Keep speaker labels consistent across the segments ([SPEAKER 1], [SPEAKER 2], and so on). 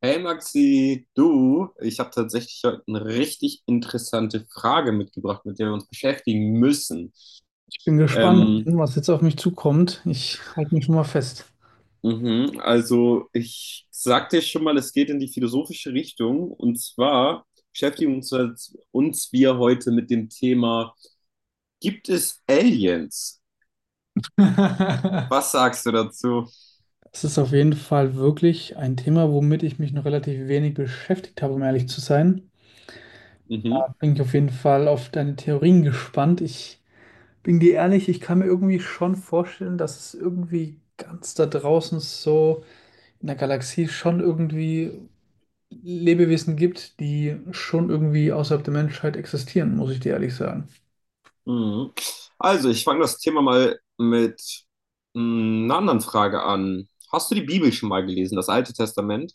[SPEAKER 1] Hey Maxi, du, ich habe tatsächlich heute eine richtig interessante Frage mitgebracht, mit der wir uns beschäftigen müssen.
[SPEAKER 2] Ich bin gespannt,
[SPEAKER 1] Ähm,
[SPEAKER 2] was jetzt auf mich zukommt. Ich halte mich schon mal fest.
[SPEAKER 1] mhm, also ich sagte dir schon mal, es geht in die philosophische Richtung, und zwar beschäftigen uns wir heute mit dem Thema, gibt es Aliens? Was sagst du dazu?
[SPEAKER 2] Es ist auf jeden Fall wirklich ein Thema, womit ich mich noch relativ wenig beschäftigt habe, um ehrlich zu sein.
[SPEAKER 1] Mhm,
[SPEAKER 2] Da bin ich auf jeden Fall auf deine Theorien gespannt. Ich bin dir ehrlich, ich kann mir irgendwie schon vorstellen, dass es irgendwie ganz da draußen so in der Galaxie schon irgendwie Lebewesen gibt, die schon irgendwie außerhalb der Menschheit existieren, muss ich dir ehrlich sagen.
[SPEAKER 1] mhm. Also ich fange das Thema mal mit einer anderen Frage an. Hast du die Bibel schon mal gelesen, das Alte Testament?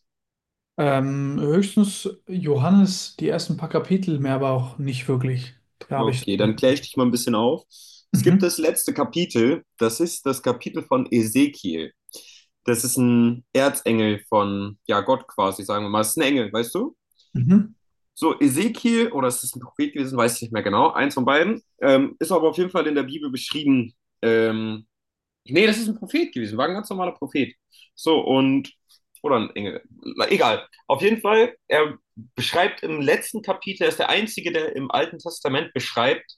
[SPEAKER 2] Höchstens Johannes, die ersten paar Kapitel, mehr aber auch nicht wirklich. Da habe ich.
[SPEAKER 1] Okay, dann kläre ich dich mal ein bisschen auf. Es gibt
[SPEAKER 2] Mhm.
[SPEAKER 1] das letzte Kapitel, das ist das Kapitel von Ezekiel. Das ist ein Erzengel von, ja, Gott quasi, sagen wir mal. Das ist ein Engel, weißt du?
[SPEAKER 2] Mhm.
[SPEAKER 1] So, Ezekiel, oder ist es ist ein Prophet gewesen, weiß ich nicht mehr genau, eins von beiden, ist aber auf jeden Fall in der Bibel beschrieben. Ähm, Nee, das ist ein Prophet gewesen, war ein ganz normaler Prophet. So, und, oder ein Engel, na, egal. Auf jeden Fall, er beschreibt im letzten Kapitel, er ist der Einzige, der im Alten Testament beschreibt,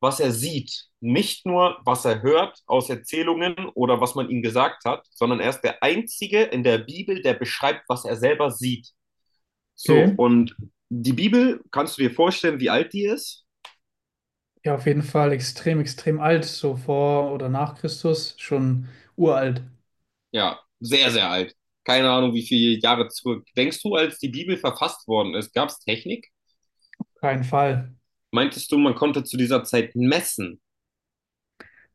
[SPEAKER 1] was er sieht. Nicht nur, was er hört aus Erzählungen oder was man ihm gesagt hat, sondern er ist der Einzige in der Bibel, der beschreibt, was er selber sieht. So,
[SPEAKER 2] Okay.
[SPEAKER 1] und die Bibel, kannst du dir vorstellen, wie alt die ist?
[SPEAKER 2] Ja, auf jeden Fall extrem, extrem alt, so vor oder nach Christus, schon uralt.
[SPEAKER 1] Ja, sehr, sehr alt. Keine Ahnung, wie viele Jahre zurück. Denkst du, als die Bibel verfasst worden ist, gab es Technik?
[SPEAKER 2] Kein Fall.
[SPEAKER 1] Meintest du, man konnte zu dieser Zeit messen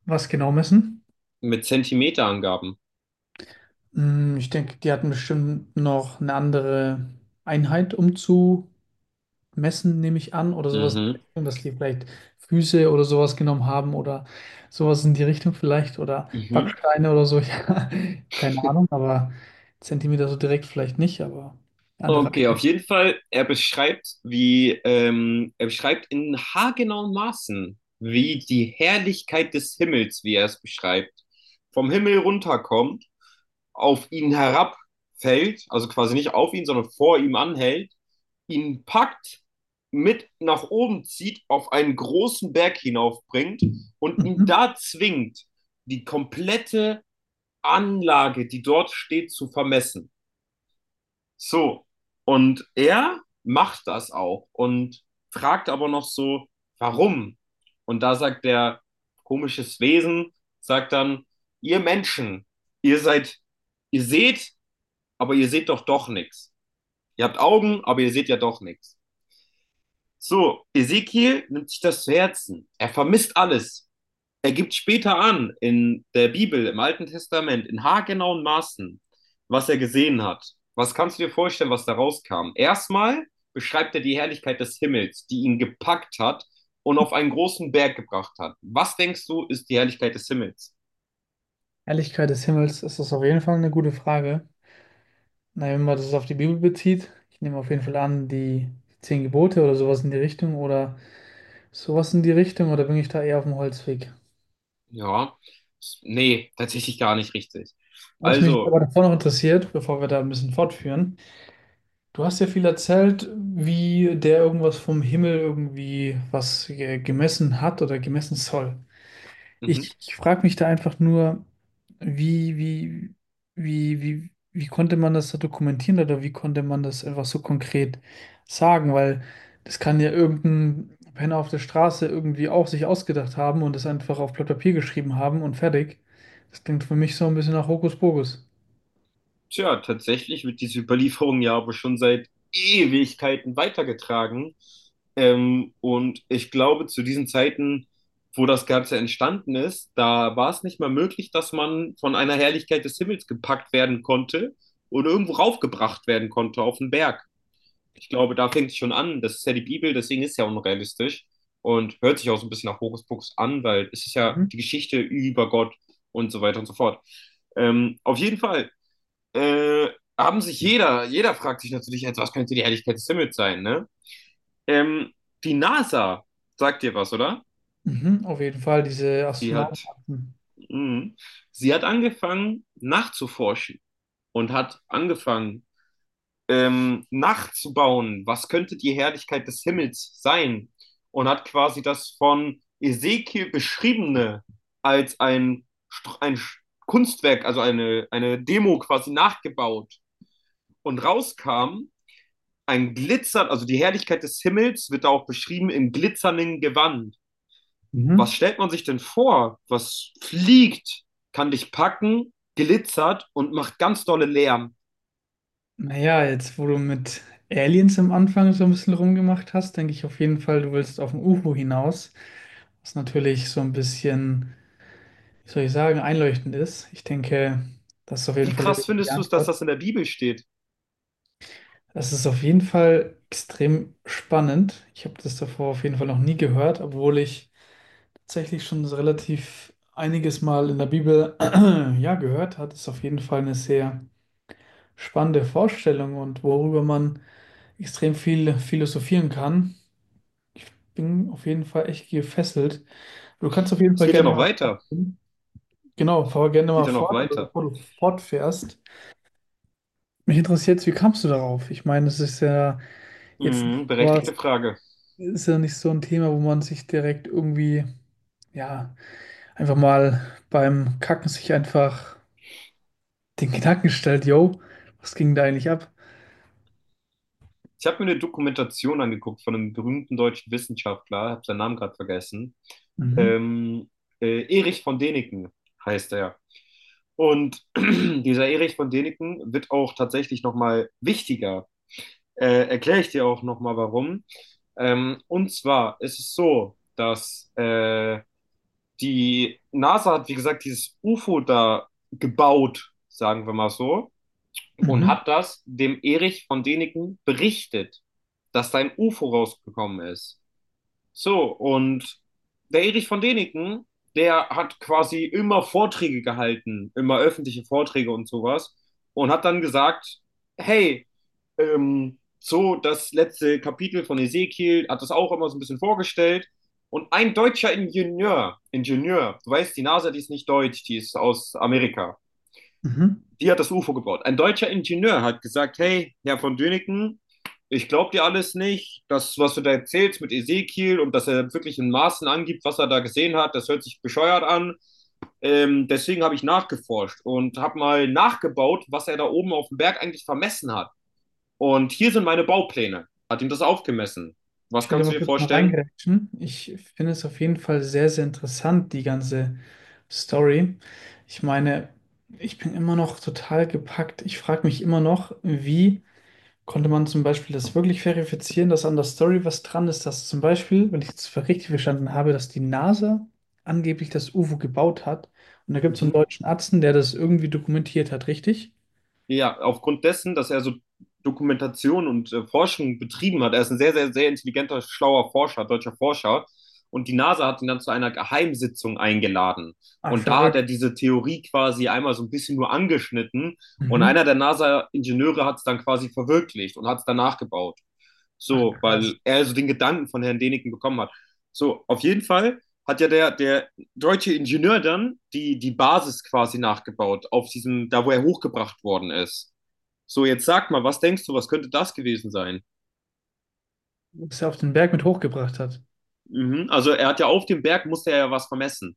[SPEAKER 2] Was genau messen?
[SPEAKER 1] mit Zentimeterangaben?
[SPEAKER 2] Ich denke, die hatten bestimmt noch eine andere Einheit, um zu messen, nehme ich an, oder sowas in die
[SPEAKER 1] Mhm.
[SPEAKER 2] Richtung, dass die vielleicht Füße oder sowas genommen haben oder sowas in die Richtung vielleicht oder
[SPEAKER 1] Mhm.
[SPEAKER 2] Backsteine oder so. Ja, keine Ahnung, aber Zentimeter so direkt vielleicht nicht, aber andere.
[SPEAKER 1] Okay, auf jeden Fall, er beschreibt, wie, er beschreibt in haargenauen Maßen, wie die Herrlichkeit des Himmels, wie er es beschreibt, vom Himmel runterkommt, auf ihn herabfällt, also quasi nicht auf ihn, sondern vor ihm anhält, ihn packt, mit nach oben zieht, auf einen großen Berg hinaufbringt und ihn
[SPEAKER 2] Mhm.
[SPEAKER 1] da zwingt, die komplette Anlage, die dort steht, zu vermessen. So, und er macht das auch und fragt aber noch so, warum? Und da sagt der komisches Wesen, sagt dann, ihr Menschen, ihr seid, ihr seht, aber ihr seht doch nichts. Ihr habt Augen, aber ihr seht ja doch nichts. So, Ezekiel nimmt sich das zu Herzen. Er vermisst alles. Er gibt später an, in der Bibel, im Alten Testament, in haargenauen Maßen, was er gesehen hat. Was kannst du dir vorstellen, was da rauskam? Erstmal beschreibt er die Herrlichkeit des Himmels, die ihn gepackt hat und auf einen großen Berg gebracht hat. Was denkst du, ist die Herrlichkeit des Himmels?
[SPEAKER 2] Helligkeit des Himmels ist das auf jeden Fall eine gute Frage. Na, wenn man das auf die Bibel bezieht, ich nehme auf jeden Fall an, die zehn Gebote oder sowas in die Richtung oder sowas in die Richtung, oder bin ich da eher auf dem Holzweg?
[SPEAKER 1] Ja, nee, tatsächlich gar nicht richtig.
[SPEAKER 2] Was mich
[SPEAKER 1] Also,
[SPEAKER 2] aber davor noch interessiert, bevor wir da ein bisschen fortführen, du hast ja viel erzählt, wie der irgendwas vom Himmel irgendwie was gemessen hat oder gemessen soll.
[SPEAKER 1] mhm.
[SPEAKER 2] Ich frage mich da einfach nur, wie, wie, wie konnte man das da dokumentieren oder wie konnte man das einfach so konkret sagen? Weil das kann ja irgendein Penner auf der Straße irgendwie auch sich ausgedacht haben und das einfach auf Blatt Papier geschrieben haben und fertig. Das klingt für mich so ein bisschen nach Hokuspokus.
[SPEAKER 1] Tja, tatsächlich wird diese Überlieferung ja aber schon seit Ewigkeiten weitergetragen. Und ich glaube, zu diesen Zeiten, wo das Ganze entstanden ist, da war es nicht mal möglich, dass man von einer Herrlichkeit des Himmels gepackt werden konnte und irgendwo raufgebracht werden konnte auf den Berg. Ich glaube, da fängt es schon an. Das ist ja die Bibel, deswegen ist es ja unrealistisch und hört sich auch so ein bisschen nach Hokuspokus an, weil es ist ja
[SPEAKER 2] Mhm.
[SPEAKER 1] die Geschichte über Gott und so weiter und so fort. Auf jeden Fall äh, jeder fragt sich natürlich jetzt, was könnte die Helligkeit des Himmels sein, ne? Ähm, Die NASA sagt dir was, oder?
[SPEAKER 2] Mhm, auf jeden Fall, diese
[SPEAKER 1] Sie hat,
[SPEAKER 2] Astronautenakten.
[SPEAKER 1] mh, sie hat angefangen nachzuforschen und hat angefangen, nachzubauen, was könnte die Herrlichkeit des Himmels sein, und hat quasi das von Ezekiel beschriebene als ein Kunstwerk, also eine Demo quasi nachgebaut, und rauskam ein Glitzer, also die Herrlichkeit des Himmels wird da auch beschrieben im glitzernden Gewand. Was
[SPEAKER 2] Mhm.
[SPEAKER 1] stellt man sich denn vor? Was fliegt, kann dich packen, glitzert und macht ganz dolle Lärm.
[SPEAKER 2] Naja, jetzt wo du mit Aliens am Anfang so ein bisschen rumgemacht hast, denke ich auf jeden Fall, du willst auf ein UFO hinaus, was natürlich so ein bisschen, wie soll ich sagen, einleuchtend ist. Ich denke, das ist auf
[SPEAKER 1] Wie
[SPEAKER 2] jeden Fall die
[SPEAKER 1] krass
[SPEAKER 2] richtige
[SPEAKER 1] findest du es, dass
[SPEAKER 2] Antwort.
[SPEAKER 1] das in der Bibel steht?
[SPEAKER 2] Das ist auf jeden Fall extrem spannend. Ich habe das davor auf jeden Fall noch nie gehört, obwohl ich tatsächlich schon so relativ einiges Mal in der Bibel ja gehört hat. Ist auf jeden Fall eine sehr spannende Vorstellung und worüber man extrem viel philosophieren kann. Bin auf jeden Fall echt gefesselt. Du kannst auf jeden
[SPEAKER 1] Es
[SPEAKER 2] Fall
[SPEAKER 1] geht ja
[SPEAKER 2] gerne
[SPEAKER 1] noch
[SPEAKER 2] mal
[SPEAKER 1] weiter.
[SPEAKER 2] fortfahren. Genau, fahr gerne
[SPEAKER 1] Geht
[SPEAKER 2] mal
[SPEAKER 1] ja noch
[SPEAKER 2] fort, also
[SPEAKER 1] weiter.
[SPEAKER 2] bevor du fortfährst. Mich interessiert jetzt, wie kamst du darauf? Ich meine, es ist ja jetzt nicht,
[SPEAKER 1] Mhm, berechtigte Frage.
[SPEAKER 2] ist ja nicht so ein Thema, wo man sich direkt irgendwie, ja, einfach mal beim Kacken sich einfach den Gedanken stellt, yo, was ging da eigentlich ab?
[SPEAKER 1] Ich habe mir eine Dokumentation angeguckt von einem berühmten deutschen Wissenschaftler, habe seinen Namen gerade vergessen.
[SPEAKER 2] Mhm,
[SPEAKER 1] Ähm, Erich von Däniken heißt er. Und dieser Erich von Däniken wird auch tatsächlich nochmal wichtiger. Erkläre ich dir auch nochmal warum. Und zwar ist es so, dass die NASA, hat, wie gesagt, dieses UFO da gebaut sagen wir mal so, und
[SPEAKER 2] mhm,
[SPEAKER 1] hat das dem Erich von Däniken berichtet, dass da ein UFO rausgekommen ist. So, und der Erich von Däniken, der hat quasi immer Vorträge gehalten, immer öffentliche Vorträge und sowas, und hat dann gesagt, hey, so, das letzte Kapitel von Ezekiel hat das auch immer so ein bisschen vorgestellt. Und ein deutscher Ingenieur, du weißt, die NASA, die ist nicht deutsch, die ist aus Amerika,
[SPEAKER 2] mhm.
[SPEAKER 1] die hat das UFO gebaut. Ein deutscher Ingenieur hat gesagt, hey, Herr von Döniken, ich glaube dir alles nicht. Das, was du da erzählst mit Ezekiel und dass er wirklich in Maßen angibt, was er da gesehen hat, das hört sich bescheuert an. Deswegen habe ich nachgeforscht und habe mal nachgebaut, was er da oben auf dem Berg eigentlich vermessen hat. Und hier sind meine Baupläne. Hat ihm das aufgemessen. Was
[SPEAKER 2] Ich will da
[SPEAKER 1] kannst du
[SPEAKER 2] mal
[SPEAKER 1] dir
[SPEAKER 2] kurz mal
[SPEAKER 1] vorstellen?
[SPEAKER 2] reingrätschen. Ich finde es auf jeden Fall sehr, sehr interessant, die ganze Story. Ich meine, ich bin immer noch total gepackt. Ich frage mich immer noch, wie konnte man zum Beispiel das wirklich verifizieren, dass an der Story was dran ist, dass zum Beispiel, wenn ich es richtig verstanden habe, dass die NASA angeblich das UFO gebaut hat. Und da gibt es so einen
[SPEAKER 1] Mhm.
[SPEAKER 2] deutschen Arzt, der das irgendwie dokumentiert hat, richtig?
[SPEAKER 1] Ja, aufgrund dessen, dass er so Dokumentation und Forschung betrieben hat. Er ist ein sehr, sehr, sehr intelligenter, schlauer Forscher, deutscher Forscher. Und die NASA hat ihn dann zu einer Geheimsitzung eingeladen.
[SPEAKER 2] Ach,
[SPEAKER 1] Und da hat er
[SPEAKER 2] verrückt.
[SPEAKER 1] diese Theorie quasi einmal so ein bisschen nur angeschnitten. Und
[SPEAKER 2] Mhm.
[SPEAKER 1] einer der NASA-Ingenieure hat es dann quasi verwirklicht und hat es danach gebaut.
[SPEAKER 2] Ach,
[SPEAKER 1] So,
[SPEAKER 2] krass.
[SPEAKER 1] weil er so den Gedanken von Herrn Däniken bekommen hat. So, auf jeden Fall hat ja der deutsche Ingenieur dann die Basis quasi nachgebaut, auf diesem, da wo er hochgebracht worden ist. So, jetzt sag mal, was denkst du, was könnte das gewesen sein?
[SPEAKER 2] Dass er auf den Berg mit hochgebracht hat.
[SPEAKER 1] Mhm. Also, er hat ja auf dem Berg, musste er ja was vermessen.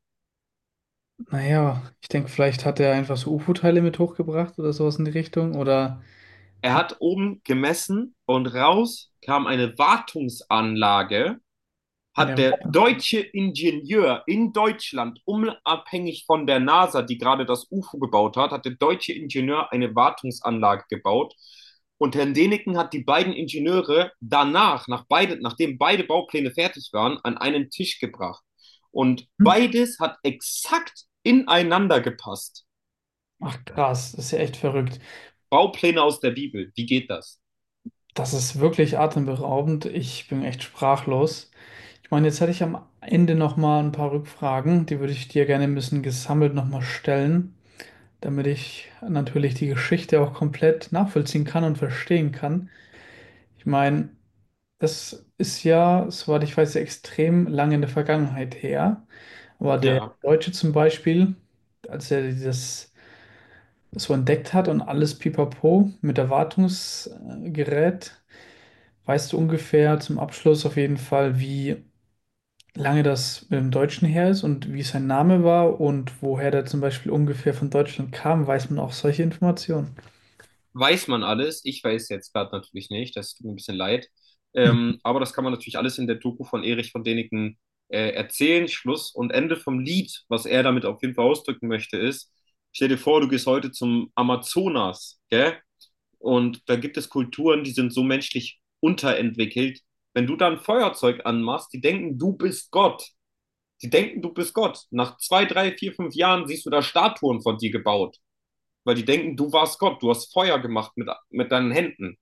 [SPEAKER 2] Naja, ich denke, vielleicht hat er einfach so UFO-Teile mit hochgebracht oder sowas in die Richtung. Oder
[SPEAKER 1] Er hat oben gemessen und raus kam eine Wartungsanlage. Hat
[SPEAKER 2] eine.
[SPEAKER 1] der deutsche Ingenieur in Deutschland, unabhängig von der NASA, die gerade das UFO gebaut hat, hat der deutsche Ingenieur eine Wartungsanlage gebaut. Und Herrn Deneken hat die beiden Ingenieure danach, nachdem beide Baupläne fertig waren, an einen Tisch gebracht. Und beides hat exakt ineinander gepasst.
[SPEAKER 2] Ach krass, das ist ja echt verrückt.
[SPEAKER 1] Baupläne aus der Bibel. Wie geht das?
[SPEAKER 2] Das ist wirklich atemberaubend. Ich bin echt sprachlos. Ich meine, jetzt hätte ich am Ende noch mal ein paar Rückfragen, die würde ich dir gerne ein bisschen gesammelt noch mal stellen, damit ich natürlich die Geschichte auch komplett nachvollziehen kann und verstehen kann. Ich meine, das ist ja, soweit ich weiß, extrem lange in der Vergangenheit her. Aber der
[SPEAKER 1] Ja.
[SPEAKER 2] Deutsche zum Beispiel, als er das so entdeckt hat und alles pipapo mit Erwartungsgerät, weißt du ungefähr zum Abschluss auf jeden Fall, wie lange das im Deutschen her ist und wie sein Name war und woher der zum Beispiel ungefähr von Deutschland kam? Weiß man auch solche Informationen?
[SPEAKER 1] Weiß man alles. Ich weiß jetzt gerade natürlich nicht, das tut mir ein bisschen leid. Aber das kann man natürlich alles in der Doku von Erich von Däniken erzählen. Schluss und Ende vom Lied, was er damit auf jeden Fall ausdrücken möchte, ist, stell dir vor, du gehst heute zum Amazonas, gell? Und da gibt es Kulturen, die sind so menschlich unterentwickelt. Wenn du da ein Feuerzeug anmachst, die denken, du bist Gott. Die denken, du bist Gott. Nach zwei, drei, vier, fünf Jahren siehst du da Statuen von dir gebaut. Weil die denken, du warst Gott, du hast Feuer gemacht mit deinen Händen.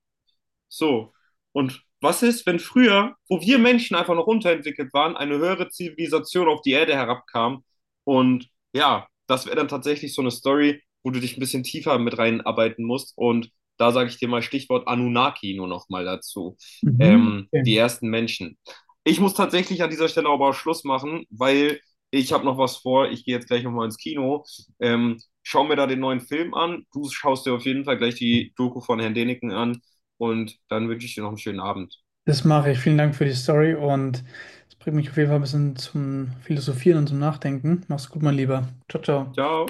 [SPEAKER 1] So. Und was ist, wenn früher, wo wir Menschen einfach noch unterentwickelt waren, eine höhere Zivilisation auf die Erde herabkam? Und ja, das wäre dann tatsächlich so eine Story, wo du dich ein bisschen tiefer mit reinarbeiten musst. Und da sage ich dir mal Stichwort Anunnaki nur noch mal dazu.
[SPEAKER 2] Mhm. Okay.
[SPEAKER 1] Die ersten Menschen. Ich muss tatsächlich an dieser Stelle aber auch Schluss machen, weil ich habe noch was vor. Ich gehe jetzt gleich nochmal ins Kino. Schau mir da den neuen Film an. Du schaust dir auf jeden Fall gleich die Doku von Herrn Deniken an. Und dann wünsche ich dir noch einen schönen Abend.
[SPEAKER 2] Das mache ich. Vielen Dank für die Story und es bringt mich auf jeden Fall ein bisschen zum Philosophieren und zum Nachdenken. Mach's gut, mein Lieber. Ciao, ciao.
[SPEAKER 1] Ciao.